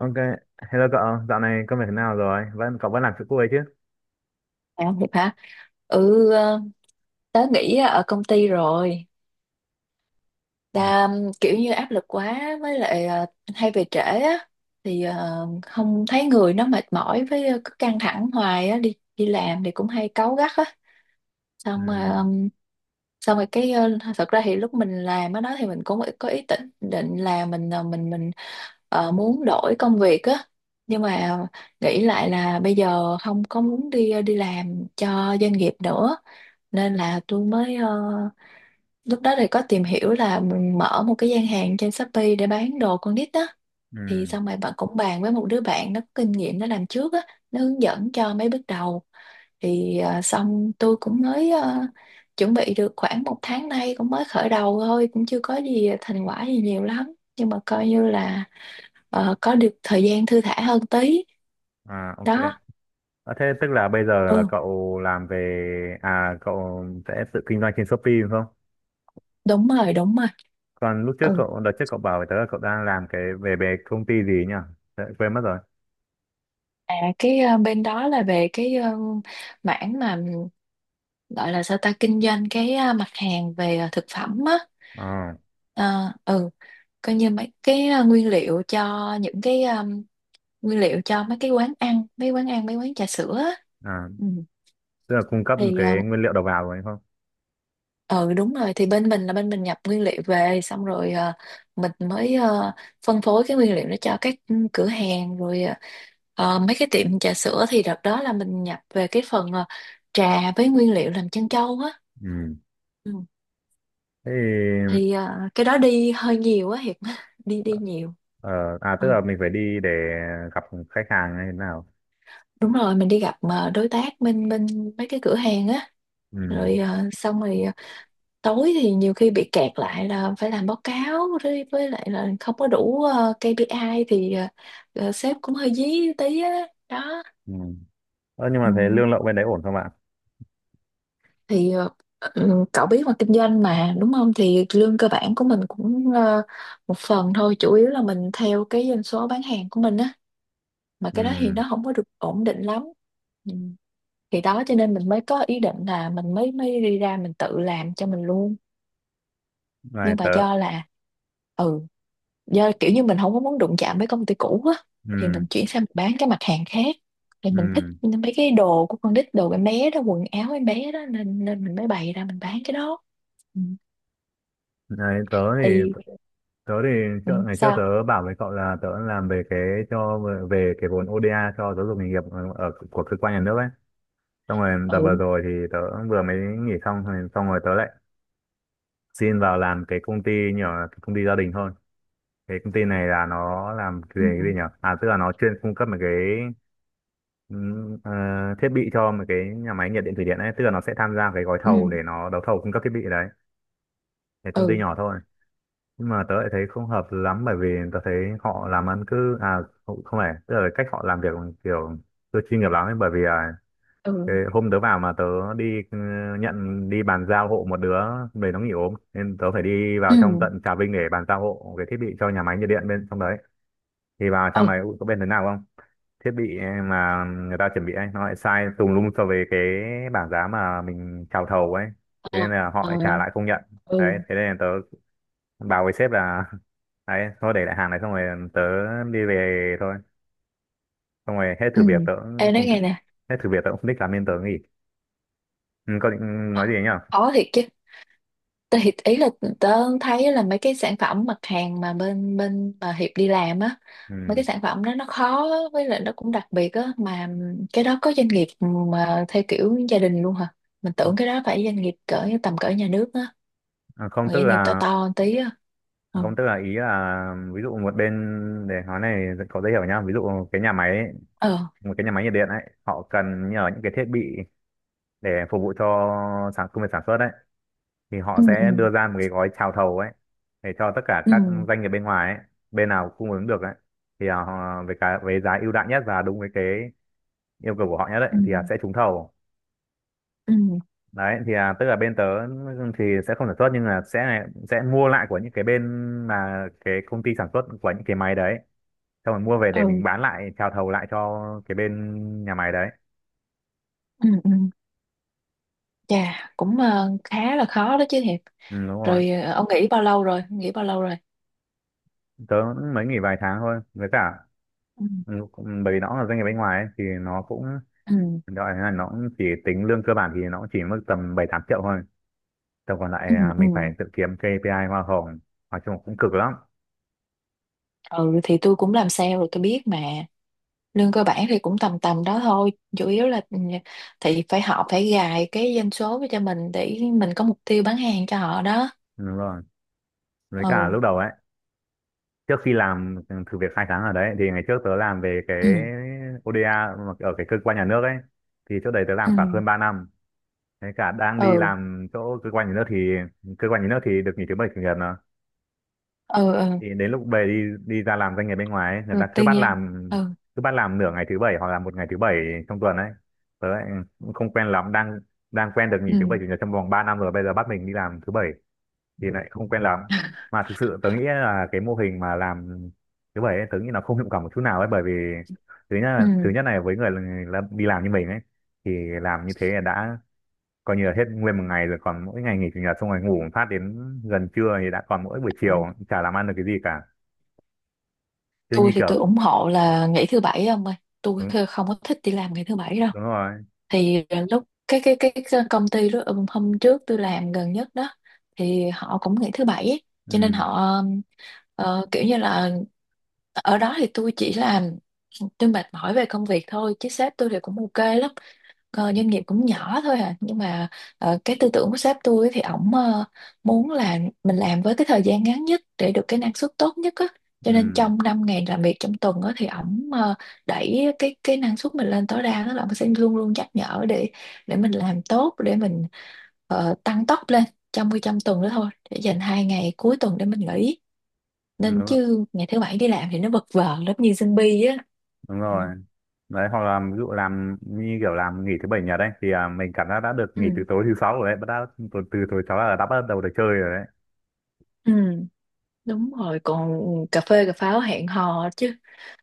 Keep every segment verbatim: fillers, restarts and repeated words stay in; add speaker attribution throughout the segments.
Speaker 1: Ok, hello cậu, dạo này công việc thế nào rồi? Vẫn cậu vẫn làm chỗ cuối chứ?
Speaker 2: À, Hiệp hả? Ừ, ờ, tớ nghỉ ở công ty rồi.
Speaker 1: Ừ,
Speaker 2: Ta um, kiểu như áp lực quá với lại, ờ, hay về trễ á, thì ờ, không thấy người nó mệt mỏi, với ờ, cứ căng thẳng hoài á, đi đi làm thì cũng hay cáu gắt á, xong rồi,
Speaker 1: ừ,
Speaker 2: um, xong rồi cái, ờ, thật ra thì lúc mình làm ở đó thì mình cũng có ý định định là mình, ờ, mình mình ờ, muốn đổi công việc á, nhưng mà nghĩ lại là bây giờ không có muốn đi đi làm cho doanh nghiệp nữa, nên là tôi mới, ờ, lúc đó thì có tìm hiểu là mình mở một cái gian hàng trên Shopee để bán đồ con nít á, thì
Speaker 1: ừ.
Speaker 2: xong rồi bạn cũng bàn với một đứa bạn nó có kinh nghiệm nó làm trước á, nó hướng dẫn cho mấy bước đầu, thì à, xong tôi cũng mới, à, chuẩn bị được khoảng một tháng nay, cũng mới khởi đầu thôi, cũng chưa có gì thành quả gì nhiều lắm, nhưng mà coi như là ờ, có được thời gian thư thả hơn tí.
Speaker 1: À, ok.
Speaker 2: Đó.
Speaker 1: À, thế tức là bây giờ là
Speaker 2: Ừ,
Speaker 1: cậu làm về à cậu sẽ tự kinh doanh trên Shopee đúng không?
Speaker 2: đúng rồi, đúng rồi.
Speaker 1: Còn lúc trước
Speaker 2: Ừ,
Speaker 1: cậu đợt trước cậu bảo với tớ là cậu đang làm cái về về công ty gì nhỉ? Tớ quên mất rồi.
Speaker 2: à, cái, ờ, bên đó là về cái, ờ, mảng mà gọi là sao ta, kinh doanh cái, à, mặt hàng về, à, thực phẩm á.
Speaker 1: Ờ,
Speaker 2: À, ừ, coi như mấy cái, à, nguyên liệu cho những cái, nguyên liệu cho mấy cái quán ăn, mấy quán ăn, mấy quán trà sữa á.
Speaker 1: À,
Speaker 2: Ừ.
Speaker 1: tức là cung cấp
Speaker 2: Thì
Speaker 1: cái nguyên liệu đầu vào rồi đúng không?
Speaker 2: ờ ừ, đúng rồi, thì bên mình là bên mình nhập nguyên liệu về, xong rồi ờ, mình mới ờ, phân phối cái nguyên liệu đó cho các, ừ, cửa hàng, rồi ờ, ờ, mấy cái tiệm trà sữa, thì đợt đó là mình nhập về cái phần ờ, trà với nguyên liệu làm trân châu á.
Speaker 1: Ừ.
Speaker 2: Ừ.
Speaker 1: Thế thì,
Speaker 2: Thì ờ, cái đó đi hơi nhiều á Hiệp, đi đi nhiều.
Speaker 1: ờ, à, tức
Speaker 2: Ừ.
Speaker 1: là mình phải đi để gặp khách hàng hay thế nào?
Speaker 2: Đúng rồi, mình đi gặp mà, đối tác bên bên mấy cái cửa hàng á,
Speaker 1: Ừ.
Speaker 2: rồi ờ, xong rồi ờ, tối thì nhiều khi bị kẹt lại là phải làm báo cáo, với với lại là không có đủ ờ, ca pê i thì ờ, ờ, sếp cũng hơi dí tí á. Đó.
Speaker 1: Ừ. Ờ, nhưng
Speaker 2: Ừ.
Speaker 1: mà thế lương lậu bên đấy ổn không ạ?
Speaker 2: Thì ờ, ừ, cậu biết mà, kinh doanh mà đúng không, thì lương cơ bản của mình cũng ờ, một phần thôi, chủ yếu là mình theo cái doanh số bán hàng của mình á, mà
Speaker 1: Ừ.
Speaker 2: cái đó thì nó không có được ổn định lắm. Ừ. Thì đó, cho nên mình mới có ý định là mình mới mới đi ra mình tự làm cho mình luôn,
Speaker 1: Này
Speaker 2: nhưng mà
Speaker 1: tớ
Speaker 2: do là, ừ, do kiểu như mình không có muốn đụng chạm với công ty cũ á, thì
Speaker 1: ừ
Speaker 2: mình chuyển sang mình bán cái mặt hàng khác, thì mình thích
Speaker 1: ừ
Speaker 2: mấy cái đồ của con nít, đồ em bé đó, quần áo em bé đó, nên nên mình mới bày ra mình bán cái đó. Ừ.
Speaker 1: Này tớ thì
Speaker 2: Thì
Speaker 1: tớ thì
Speaker 2: ừ,
Speaker 1: trước, ngày trước
Speaker 2: sao?
Speaker 1: tớ bảo với cậu là tớ làm về cái cho về cái vốn o đê a cho giáo dục nghề nghiệp ở, ở của cơ quan nhà nước ấy, xong rồi đợt vừa
Speaker 2: Ừ.
Speaker 1: rồi thì tớ vừa mới nghỉ xong rồi- xong rồi tớ lại xin vào làm cái công ty nhỏ, cái công ty gia đình thôi. Cái công ty này là nó làm
Speaker 2: Ừ.
Speaker 1: về cái gì nhỉ, à tức là nó chuyên cung cấp một cái ừm, ờ, thiết bị cho một cái nhà máy nhiệt điện thủy điện ấy, tức là nó sẽ tham gia cái gói
Speaker 2: Ừ.
Speaker 1: thầu để nó đấu thầu cung cấp thiết bị đấy. Cái công ty
Speaker 2: Ừ.
Speaker 1: nhỏ thôi, nhưng mà tớ lại thấy không hợp lắm, bởi vì tớ thấy họ làm ăn cứ à không, không phải, tức là cách họ làm việc kiểu chưa chuyên nghiệp lắm ấy, bởi vì à,
Speaker 2: Ừ.
Speaker 1: cái hôm tớ vào mà tớ đi ừ, nhận đi bàn giao hộ một đứa, về nó nghỉ ốm nên tớ phải đi
Speaker 2: Ừ.
Speaker 1: vào trong tận Trà Vinh để bàn giao hộ cái thiết bị cho nhà máy nhiệt điện bên trong đấy. Thì vào trong
Speaker 2: Ừ.
Speaker 1: này ui, có bên thế nào không, thiết bị mà người ta chuẩn bị ấy nó lại sai tùm lum so với cái bảng giá mà mình chào thầu ấy, thế nên
Speaker 2: Ờ.
Speaker 1: là họ
Speaker 2: Ờ.
Speaker 1: lại trả lại không nhận.
Speaker 2: Ừ.
Speaker 1: Đấy thế nên là tớ bảo với sếp là đấy thôi để lại hàng này, xong rồi tớ đi về thôi, xong rồi hết thử
Speaker 2: Ừ.
Speaker 1: việc tớ cũng
Speaker 2: Em nói
Speaker 1: không th-
Speaker 2: nghe nè.
Speaker 1: hết thử việc tớ cũng không thích làm nên tớ nghỉ. Ừ, có định
Speaker 2: Ờ,
Speaker 1: nói gì nhỉ.
Speaker 2: khó thiệt chứ, thì ý là tớ thấy là mấy cái sản phẩm mặt hàng mà bên bên mà Hiệp đi làm á,
Speaker 1: Ừ.
Speaker 2: mấy cái sản phẩm đó nó khó với lại nó cũng đặc biệt á, mà cái đó có doanh nghiệp mà theo kiểu gia đình luôn hả? Mình tưởng cái đó phải doanh nghiệp cỡ, tầm cỡ nhà nước á,
Speaker 1: À, không
Speaker 2: còn
Speaker 1: tức
Speaker 2: doanh nghiệp to
Speaker 1: là,
Speaker 2: to một tí á.
Speaker 1: à,
Speaker 2: Ừ.
Speaker 1: không tức là ý là ví dụ một bên, để nói này có dễ hiểu nhá, ví dụ cái nhà máy ấy,
Speaker 2: Ờ.
Speaker 1: một cái nhà máy nhiệt điện ấy họ cần nhờ những cái thiết bị để phục vụ cho sản công việc sản xuất đấy, thì họ
Speaker 2: Ừ. Ừ.
Speaker 1: sẽ đưa ra một cái gói chào thầu ấy để cho tất cả
Speaker 2: Ừ.
Speaker 1: các doanh nghiệp bên ngoài ấy, bên nào cung ứng được ấy thì à, họ với cái với giá ưu đãi nhất và đúng với cái yêu cầu của họ nhất ấy
Speaker 2: Ừ.
Speaker 1: thì à, sẽ trúng thầu.
Speaker 2: Ừ.
Speaker 1: Đấy thì à, tức là bên tớ thì sẽ không sản xuất nhưng là sẽ sẽ mua lại của những cái bên mà cái công ty sản xuất của những cái máy đấy, xong rồi mua về để
Speaker 2: Ừ.
Speaker 1: mình bán lại chào thầu lại cho cái bên nhà máy đấy.
Speaker 2: Ừ. Ừ. Chà, cũng ờ, khá là khó đó chứ Hiệp.
Speaker 1: Ừ, đúng rồi.
Speaker 2: Rồi ờ, ông nghỉ bao lâu rồi, nghỉ bao lâu rồi?
Speaker 1: Tớ mới nghỉ vài tháng thôi, với cả
Speaker 2: Ừ.
Speaker 1: ừ, bởi vì nó là doanh nghiệp bên ngoài ấy, thì nó cũng
Speaker 2: Ừ.
Speaker 1: đó là nó cũng chỉ tính lương cơ bản thì nó cũng chỉ mức tầm bảy tám triệu thôi. Tầm còn
Speaker 2: Ừ.
Speaker 1: lại à,
Speaker 2: Ừ.
Speaker 1: mình phải tự kiếm pê i hoa hồng. Nói chung cũng cực lắm.
Speaker 2: Ừ, thì tôi cũng làm sale rồi tôi biết mà, lương cơ bản thì cũng tầm tầm đó thôi, chủ yếu là ừ, thì phải, họ phải gài cái doanh số cho mình để mình có mục tiêu bán hàng cho họ đó.
Speaker 1: Đúng rồi. Với cả
Speaker 2: Ừ.
Speaker 1: lúc đầu ấy, trước khi làm thử việc hai tháng ở đấy, thì ngày trước tớ làm về cái
Speaker 2: Ừ.
Speaker 1: ô đi ây mà ở cái cơ quan nhà nước ấy. Thì chỗ đấy tớ làm
Speaker 2: Ừ.
Speaker 1: khoảng hơn ba năm. Thế cả đang đi
Speaker 2: Ừ.
Speaker 1: làm chỗ cơ quan nhà nước thì cơ quan nhà nước thì được nghỉ thứ bảy chủ nhật à,
Speaker 2: Ừ. Ừ.
Speaker 1: thì đến lúc về đi đi ra làm doanh nghiệp bên ngoài ấy, người
Speaker 2: Rồi
Speaker 1: ta
Speaker 2: tư
Speaker 1: cứ bắt
Speaker 2: nhân.
Speaker 1: làm
Speaker 2: Ừ.
Speaker 1: cứ bắt làm nửa ngày thứ bảy hoặc là một ngày thứ bảy trong tuần ấy, tớ lại cũng không quen lắm, đang đang quen được
Speaker 2: Ừ.
Speaker 1: nghỉ thứ bảy chủ nhật trong vòng ba năm rồi bây giờ bắt mình đi làm thứ bảy thì lại không quen lắm. Mà thực sự tớ nghĩ là cái mô hình mà làm thứ bảy ấy, tớ nghĩ nó không hiệu quả một chút nào ấy, bởi vì thứ nhất là, thứ
Speaker 2: Ừ.
Speaker 1: nhất này với người là đi làm như mình ấy, thì làm như thế là đã coi như là hết nguyên một ngày rồi, còn mỗi ngày nghỉ chủ nhật xong rồi ngủ một phát đến gần trưa thì đã còn mỗi buổi
Speaker 2: Ừ.
Speaker 1: chiều chả làm ăn được cái gì cả. Kiểu
Speaker 2: Tôi
Speaker 1: như
Speaker 2: thì
Speaker 1: kiểu
Speaker 2: tôi ủng hộ là nghỉ thứ bảy ông ơi, tôi
Speaker 1: đúng,
Speaker 2: không có thích đi làm ngày thứ bảy đâu.
Speaker 1: đúng rồi.
Speaker 2: Thì ờ, lúc cái cái cái cái công ty đó, ừ, hôm trước tôi làm gần nhất đó, thì họ cũng nghỉ thứ bảy ấy. Cho nên
Speaker 1: Ừ,
Speaker 2: họ ờ, kiểu như là ở đó thì tôi chỉ làm, tôi mệt mỏi về công việc thôi chứ sếp tôi thì cũng ok lắm. Ờ, doanh nghiệp cũng nhỏ thôi à, nhưng mà ờ, cái tư tưởng của sếp tôi ấy, thì ổng ờ, muốn là mình làm với cái thời gian ngắn nhất để được cái năng suất tốt nhất á, cho nên
Speaker 1: ừ,
Speaker 2: trong năm ngày làm việc trong tuần á, thì ổng ờ, đẩy cái cái năng suất mình lên tối đa, đó là ổng sẽ luôn luôn nhắc nhở để để mình làm tốt, để mình ờ, tăng tốc lên trong cái, trong tuần đó thôi, để dành hai ngày cuối tuần để mình nghỉ,
Speaker 1: đúng,
Speaker 2: nên
Speaker 1: rồi-
Speaker 2: chứ ngày thứ bảy đi làm thì nó vật vờ lắm, như zombie á.
Speaker 1: đúng
Speaker 2: Ừ.
Speaker 1: rồi. Đấy hoặc là ví dụ làm như kiểu làm nghỉ thứ bảy nhật đấy thì à, mình cảm giác đã được
Speaker 2: Ừ.
Speaker 1: nghỉ từ tối thứ sáu rồi đấy bắt đã từ từ tối sáu là đã bắt đầu được chơi rồi đấy.
Speaker 2: Ừ. Đúng rồi, còn cà phê cà pháo hẹn hò chứ.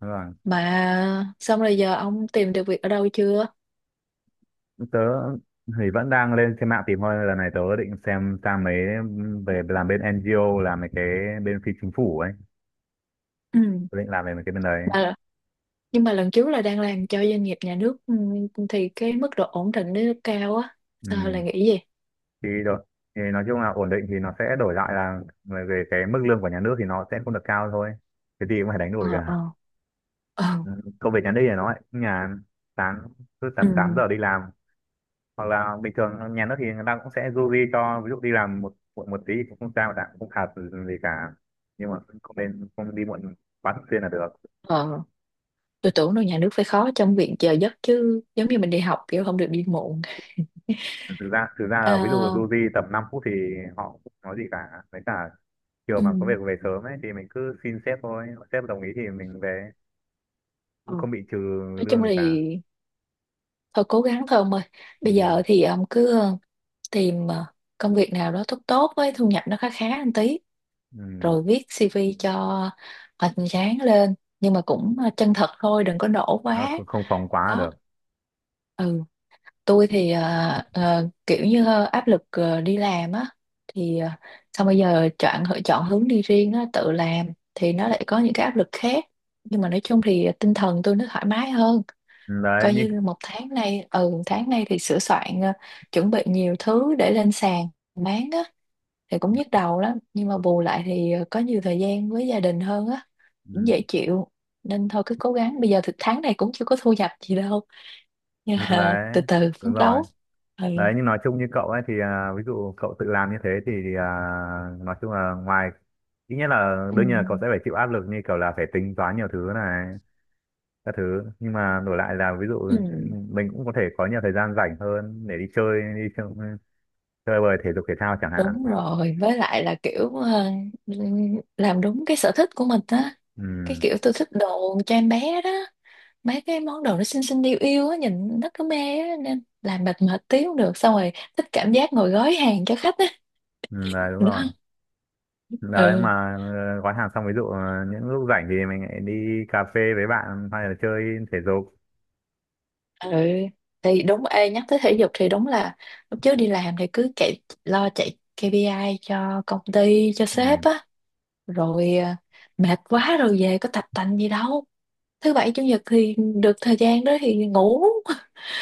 Speaker 1: Đúng rồi.
Speaker 2: Mà xong rồi giờ ông tìm được việc ở đâu chưa?
Speaker 1: Tớ thì vẫn đang lên trên mạng tìm thôi, lần này tớ định xem sang mấy, về làm bên en giê o, làm mấy cái bên phi chính phủ ấy,
Speaker 2: Ừ.
Speaker 1: tớ định làm về mấy cái bên đấy.
Speaker 2: Mà, nhưng mà lần trước là đang làm cho doanh nghiệp nhà nước, ừ, thì cái mức độ ổn định nó cao á. Sao lại
Speaker 1: Ừ.
Speaker 2: nghĩ gì?
Speaker 1: Thì đổi, thì nói chung là ổn định thì nó sẽ đổi lại là về về cái mức lương của nhà nước thì nó sẽ không được cao thôi, cái gì cũng phải đánh đổi
Speaker 2: Ờ.
Speaker 1: cả.
Speaker 2: Ờ. Ờ.
Speaker 1: Ừ, công việc nhà nước thì nói nhà sáng cứ tầm
Speaker 2: Ừ.
Speaker 1: tám giờ đi làm, hoặc là bình thường nhà nước thì người ta cũng sẽ du di cho ví dụ đi làm một muộn một tí thì cũng không sao cả, cũng không phạt gì cả, nhưng mà không nên không đi muộn quá thường xuyên là được.
Speaker 2: Ờ. Tôi tưởng đâu nhà nước phải khó trong việc giờ giấc chứ. Giống như mình đi học, kiểu không được đi muộn.
Speaker 1: Thực ra thực ra là ví dụ
Speaker 2: À,
Speaker 1: du di tầm năm phút thì họ cũng không nói gì cả, với cả chiều
Speaker 2: ừ.
Speaker 1: mà có việc về sớm ấy thì mình cứ xin sếp thôi, sếp đồng ý thì mình về
Speaker 2: Ừ.
Speaker 1: cũng không bị trừ
Speaker 2: Nói
Speaker 1: lương
Speaker 2: chung
Speaker 1: gì
Speaker 2: là
Speaker 1: cả.
Speaker 2: thôi cố gắng thôi ông ơi, bây
Speaker 1: Ừ.
Speaker 2: giờ thì ông cứ ờ, tìm ờ, công việc nào đó tốt tốt với thu nhập nó khá khá một tí,
Speaker 1: Ừ.
Speaker 2: rồi viết si vi cho hoành tráng lên, nhưng mà cũng ờ, chân thật thôi, đừng có nổ quá.
Speaker 1: Nó không, không phóng quá
Speaker 2: Đó.
Speaker 1: được.
Speaker 2: Ừ, tôi thì ờ, ờ, kiểu như ờ, áp lực ờ, đi làm á, thì ờ, xong bây giờ chọn chọn hướng đi riêng á, tự làm, thì nó lại có những cái áp lực khác, nhưng mà nói chung thì tinh thần tôi nó thoải mái hơn,
Speaker 1: Ừ, đấy
Speaker 2: coi
Speaker 1: như.
Speaker 2: như một tháng nay, ừ, tháng nay thì sửa soạn, ờ, chuẩn bị nhiều thứ để lên sàn bán á, thì cũng nhức đầu lắm, nhưng mà bù lại thì ờ, có nhiều thời gian với gia đình hơn á, cũng
Speaker 1: Ừ.
Speaker 2: dễ chịu, nên thôi cứ cố gắng, bây giờ thì tháng này cũng chưa có thu nhập gì đâu, nhưng
Speaker 1: Ừ,
Speaker 2: mà từ
Speaker 1: đấy
Speaker 2: từ
Speaker 1: đúng
Speaker 2: phấn
Speaker 1: rồi.
Speaker 2: đấu. Ừ.
Speaker 1: Đấy nhưng nói chung như cậu ấy thì à, ví dụ cậu tự làm như thế thì, thì à, nói chung là ngoài, ít nhất là
Speaker 2: Ừ.
Speaker 1: đương nhiên là cậu sẽ phải chịu áp lực như kiểu là phải tính toán nhiều thứ này các thứ, nhưng mà đổi lại là ví dụ
Speaker 2: Ừ.
Speaker 1: mình cũng có thể có nhiều thời gian rảnh hơn để đi chơi đi chơi, chơi bời thể dục thể thao chẳng hạn.
Speaker 2: Đúng rồi, với lại là kiểu ờ, làm đúng cái sở thích của mình á, cái
Speaker 1: Ừ,
Speaker 2: kiểu tôi thích đồ cho em bé đó, mấy cái món đồ nó xinh xinh yêu yêu á, nhìn nó cứ mê á, nên làm mệt mệt tí cũng được, xong rồi thích cảm giác ngồi gói hàng cho khách á.
Speaker 1: ừ đấy đúng
Speaker 2: Đó.
Speaker 1: rồi. Đấy
Speaker 2: Ừ.
Speaker 1: mà ờ, gói hàng xong ví dụ ờ, những lúc rảnh thì mình lại đi cà phê với bạn hay là chơi thể dục.
Speaker 2: Ừ, thì đúng, ê nhắc tới thể dục thì đúng là lúc trước đi làm thì cứ chạy, lo chạy kê pi ai cho công ty cho
Speaker 1: Ừ.
Speaker 2: sếp á, rồi à, mệt quá rồi về có tập tành gì đâu, thứ bảy chủ nhật thì được thời gian đó thì ngủ,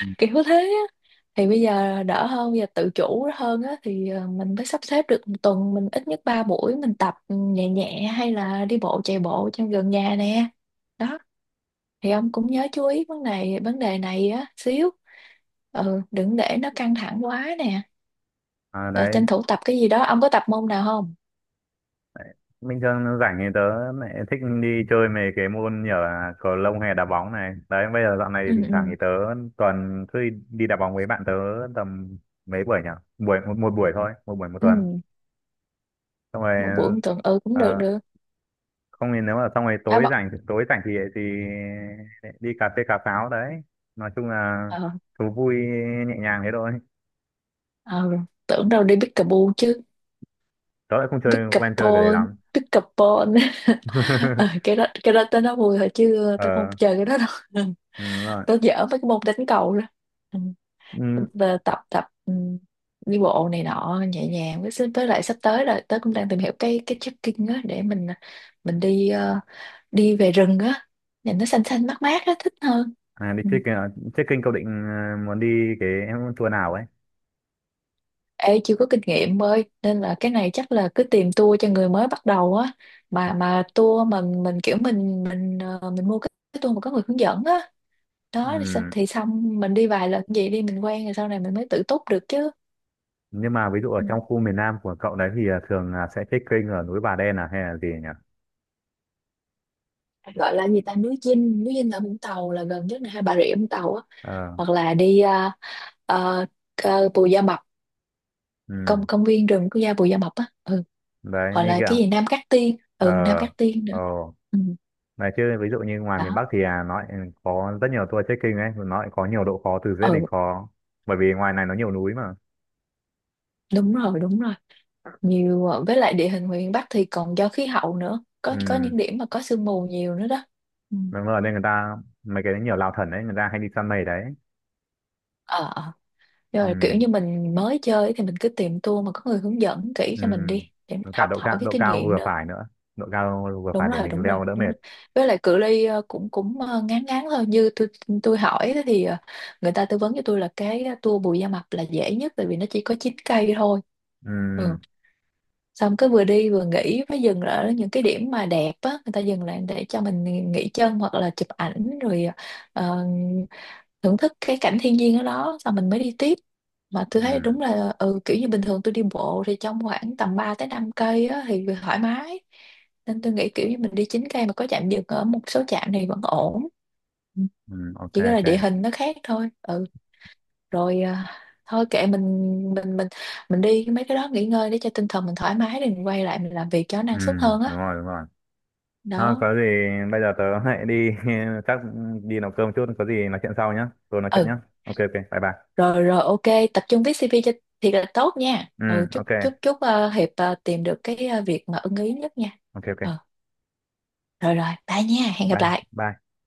Speaker 1: Ừ.
Speaker 2: kiểu thế á, thì bây giờ đỡ hơn, bây giờ tự chủ hơn á, thì ờ, mình mới sắp xếp được một tuần mình ít nhất ba buổi mình tập nhẹ nhẹ hay là đi bộ, chạy bộ trong gần nhà nè. Đó. Thì ông cũng nhớ chú ý vấn đề, vấn đề này á xíu, ừ, đừng để nó căng thẳng quá nè.
Speaker 1: À,
Speaker 2: Ờ,
Speaker 1: đấy
Speaker 2: tranh thủ tập cái gì đó, ông có tập môn nào không?
Speaker 1: bình thường rảnh thì tớ lại thích đi chơi mấy cái môn như là cầu lông hay đá bóng này đấy, bây giờ dạo này thì
Speaker 2: Ừ.
Speaker 1: thỉnh
Speaker 2: Ừ.
Speaker 1: thoảng thì tớ tuần cứ đi đi đá bóng với bạn, tớ tầm mấy buổi nhỉ, buổi một, một buổi thôi, một buổi một
Speaker 2: Ừ.
Speaker 1: tuần, xong
Speaker 2: Một buổi
Speaker 1: rồi
Speaker 2: một tuần ừ, cũng
Speaker 1: ờ,
Speaker 2: được được.
Speaker 1: không thì nếu mà xong rồi
Speaker 2: Đá
Speaker 1: tối
Speaker 2: bóng.
Speaker 1: rảnh tối rảnh thì thì đi cà phê cà pháo đấy. Nói chung là
Speaker 2: Ờ.
Speaker 1: thú vui nhẹ nhàng thế thôi.
Speaker 2: Ờ. Tưởng đâu đi pickleball chứ.
Speaker 1: Tớ lại không chơi quen chơi cái đấy
Speaker 2: Pickleball.
Speaker 1: lắm.
Speaker 2: Pickleball. Ờ, cái đó, cái đó tới nó vui thôi chứ tao không
Speaker 1: Ờ,
Speaker 2: chơi cái đó đâu.
Speaker 1: ừ, đúng rồi.
Speaker 2: Tao dở mấy cái môn đánh cầu đó. Ừ.
Speaker 1: Ừ.
Speaker 2: Và tập tập, ừ, đi bộ này nọ nhẹ nhàng, với với lại sắp tới rồi tớ cũng đang tìm hiểu cái cái trekking á, để mình mình đi ờ, đi về rừng á, nhìn nó xanh xanh mát mát á, thích hơn.
Speaker 1: À, đi
Speaker 2: Ừ.
Speaker 1: trekking à? Trekking cậu định ờ, muốn đi cái tour nào ấy?
Speaker 2: Ê, chưa có kinh nghiệm ơi nên là cái này chắc là cứ tìm tour cho người mới bắt đầu á, mà mà tour mà mình kiểu mình mình ờ, mình mua cái cái tour mà có người hướng dẫn á. Đó thì, sao-
Speaker 1: Ừm,
Speaker 2: thì xong mình đi vài lần vậy đi, mình quen rồi sau này mình mới tự túc được chứ.
Speaker 1: Nhưng mà ví dụ ở
Speaker 2: Ừ.
Speaker 1: trong khu miền Nam của cậu đấy thì ờ, thường là sẽ trekking ở núi Bà Đen à hay là gì nhỉ?
Speaker 2: Gọi là gì ta, núi Dinh, núi Dinh ở Vũng Tàu là gần nhất này, hay Bà Rịa Vũng Tàu á,
Speaker 1: Ờ,
Speaker 2: hoặc là đi uh, uh, Bù Gia Mập, công,
Speaker 1: ừm.
Speaker 2: công viên rừng quốc gia Bù Gia Mập á, ừ,
Speaker 1: Đấy
Speaker 2: hoặc
Speaker 1: như
Speaker 2: là cái
Speaker 1: kiểu
Speaker 2: gì Nam Cát Tiên,
Speaker 1: ờ,
Speaker 2: ừ, Nam Cát Tiên nữa.
Speaker 1: ờ,
Speaker 2: Ừ.
Speaker 1: đấy chứ ví dụ như ngoài miền
Speaker 2: Đó.
Speaker 1: Bắc thì à, nó lại có rất nhiều tour trekking ấy, nó lại có nhiều độ khó từ dễ đến
Speaker 2: Ừ,
Speaker 1: khó. Bởi vì ngoài này nó nhiều núi mà.
Speaker 2: đúng rồi, đúng rồi, nhiều ờ, với lại địa hình miền Bắc thì còn do khí hậu nữa, có có
Speaker 1: Ừm,
Speaker 2: những điểm mà có sương mù nhiều nữa đó. Ừ.
Speaker 1: Đúng rồi nên người ta mấy cái nhiều lao thần đấy người ta hay đi săn mây đấy.
Speaker 2: Ờ. Ờ. Rồi kiểu
Speaker 1: Ừ.
Speaker 2: như mình mới chơi ấy thì mình cứ tìm tour mà có người hướng dẫn kỹ
Speaker 1: Ừ
Speaker 2: cho mình đi để mình
Speaker 1: với cả
Speaker 2: học
Speaker 1: độ
Speaker 2: hỏi
Speaker 1: cao
Speaker 2: cái
Speaker 1: độ
Speaker 2: kinh
Speaker 1: cao
Speaker 2: nghiệm
Speaker 1: vừa
Speaker 2: nữa.
Speaker 1: phải nữa, độ cao vừa
Speaker 2: Đúng
Speaker 1: phải để
Speaker 2: rồi,
Speaker 1: mình
Speaker 2: đúng rồi,
Speaker 1: leo đỡ
Speaker 2: đúng
Speaker 1: mệt.
Speaker 2: rồi. Với lại cự ly ờ, cũng cũng ờ, ngắn ngắn thôi. Như tôi tôi hỏi á thì ờ, người ta tư vấn cho tôi là cái tour Bù Gia Mập là dễ nhất tại vì nó chỉ có chín cây thôi. Ừ.
Speaker 1: Ừ.
Speaker 2: Xong cứ vừa đi vừa nghỉ với dừng ở những cái điểm mà đẹp á, người ta dừng lại để cho mình nghỉ chân hoặc là chụp ảnh, rồi ờ, thưởng thức cái cảnh thiên nhiên ở đó, xong mình mới đi tiếp. Mà tôi thấy
Speaker 1: Ừ.
Speaker 2: đúng là ừ, kiểu như bình thường tôi đi bộ thì trong khoảng tầm ba tới năm cây á, thì thoải mái, nên tôi nghĩ kiểu như mình đi chín cây mà có trạm dừng ở một số trạm thì vẫn ổn. Ừ,
Speaker 1: Ừ, ok,
Speaker 2: chỉ có là
Speaker 1: ok.
Speaker 2: địa hình nó khác thôi. Ừ, rồi à, thôi kệ mình, mình mình mình đi mấy cái đó nghỉ ngơi để cho tinh thần mình thoải mái, rồi mình quay lại mình làm việc cho nó
Speaker 1: Ừ,
Speaker 2: năng suất hơn
Speaker 1: đúng
Speaker 2: á.
Speaker 1: rồi, đúng rồi. Thôi
Speaker 2: Đó.
Speaker 1: có gì bây giờ tớ hãy đi chắc đi nấu cơm chút, có gì nói chuyện sau nhá, rồi nói chuyện nhá.
Speaker 2: Ừ.
Speaker 1: Ok, ok, bye bye.
Speaker 2: Rồi rồi, ok, tập trung viết si vi cho thiệt là tốt nha.
Speaker 1: Ừ,
Speaker 2: Ừ, chúc,
Speaker 1: ok,
Speaker 2: chúc, chúc ờ, Hiệp ờ, tìm được cái ờ, việc mà ưng ý nhất nha.
Speaker 1: ok,
Speaker 2: Ừ,
Speaker 1: ok,
Speaker 2: rồi rồi, bye nha, hẹn gặp
Speaker 1: bye
Speaker 2: lại.
Speaker 1: bye.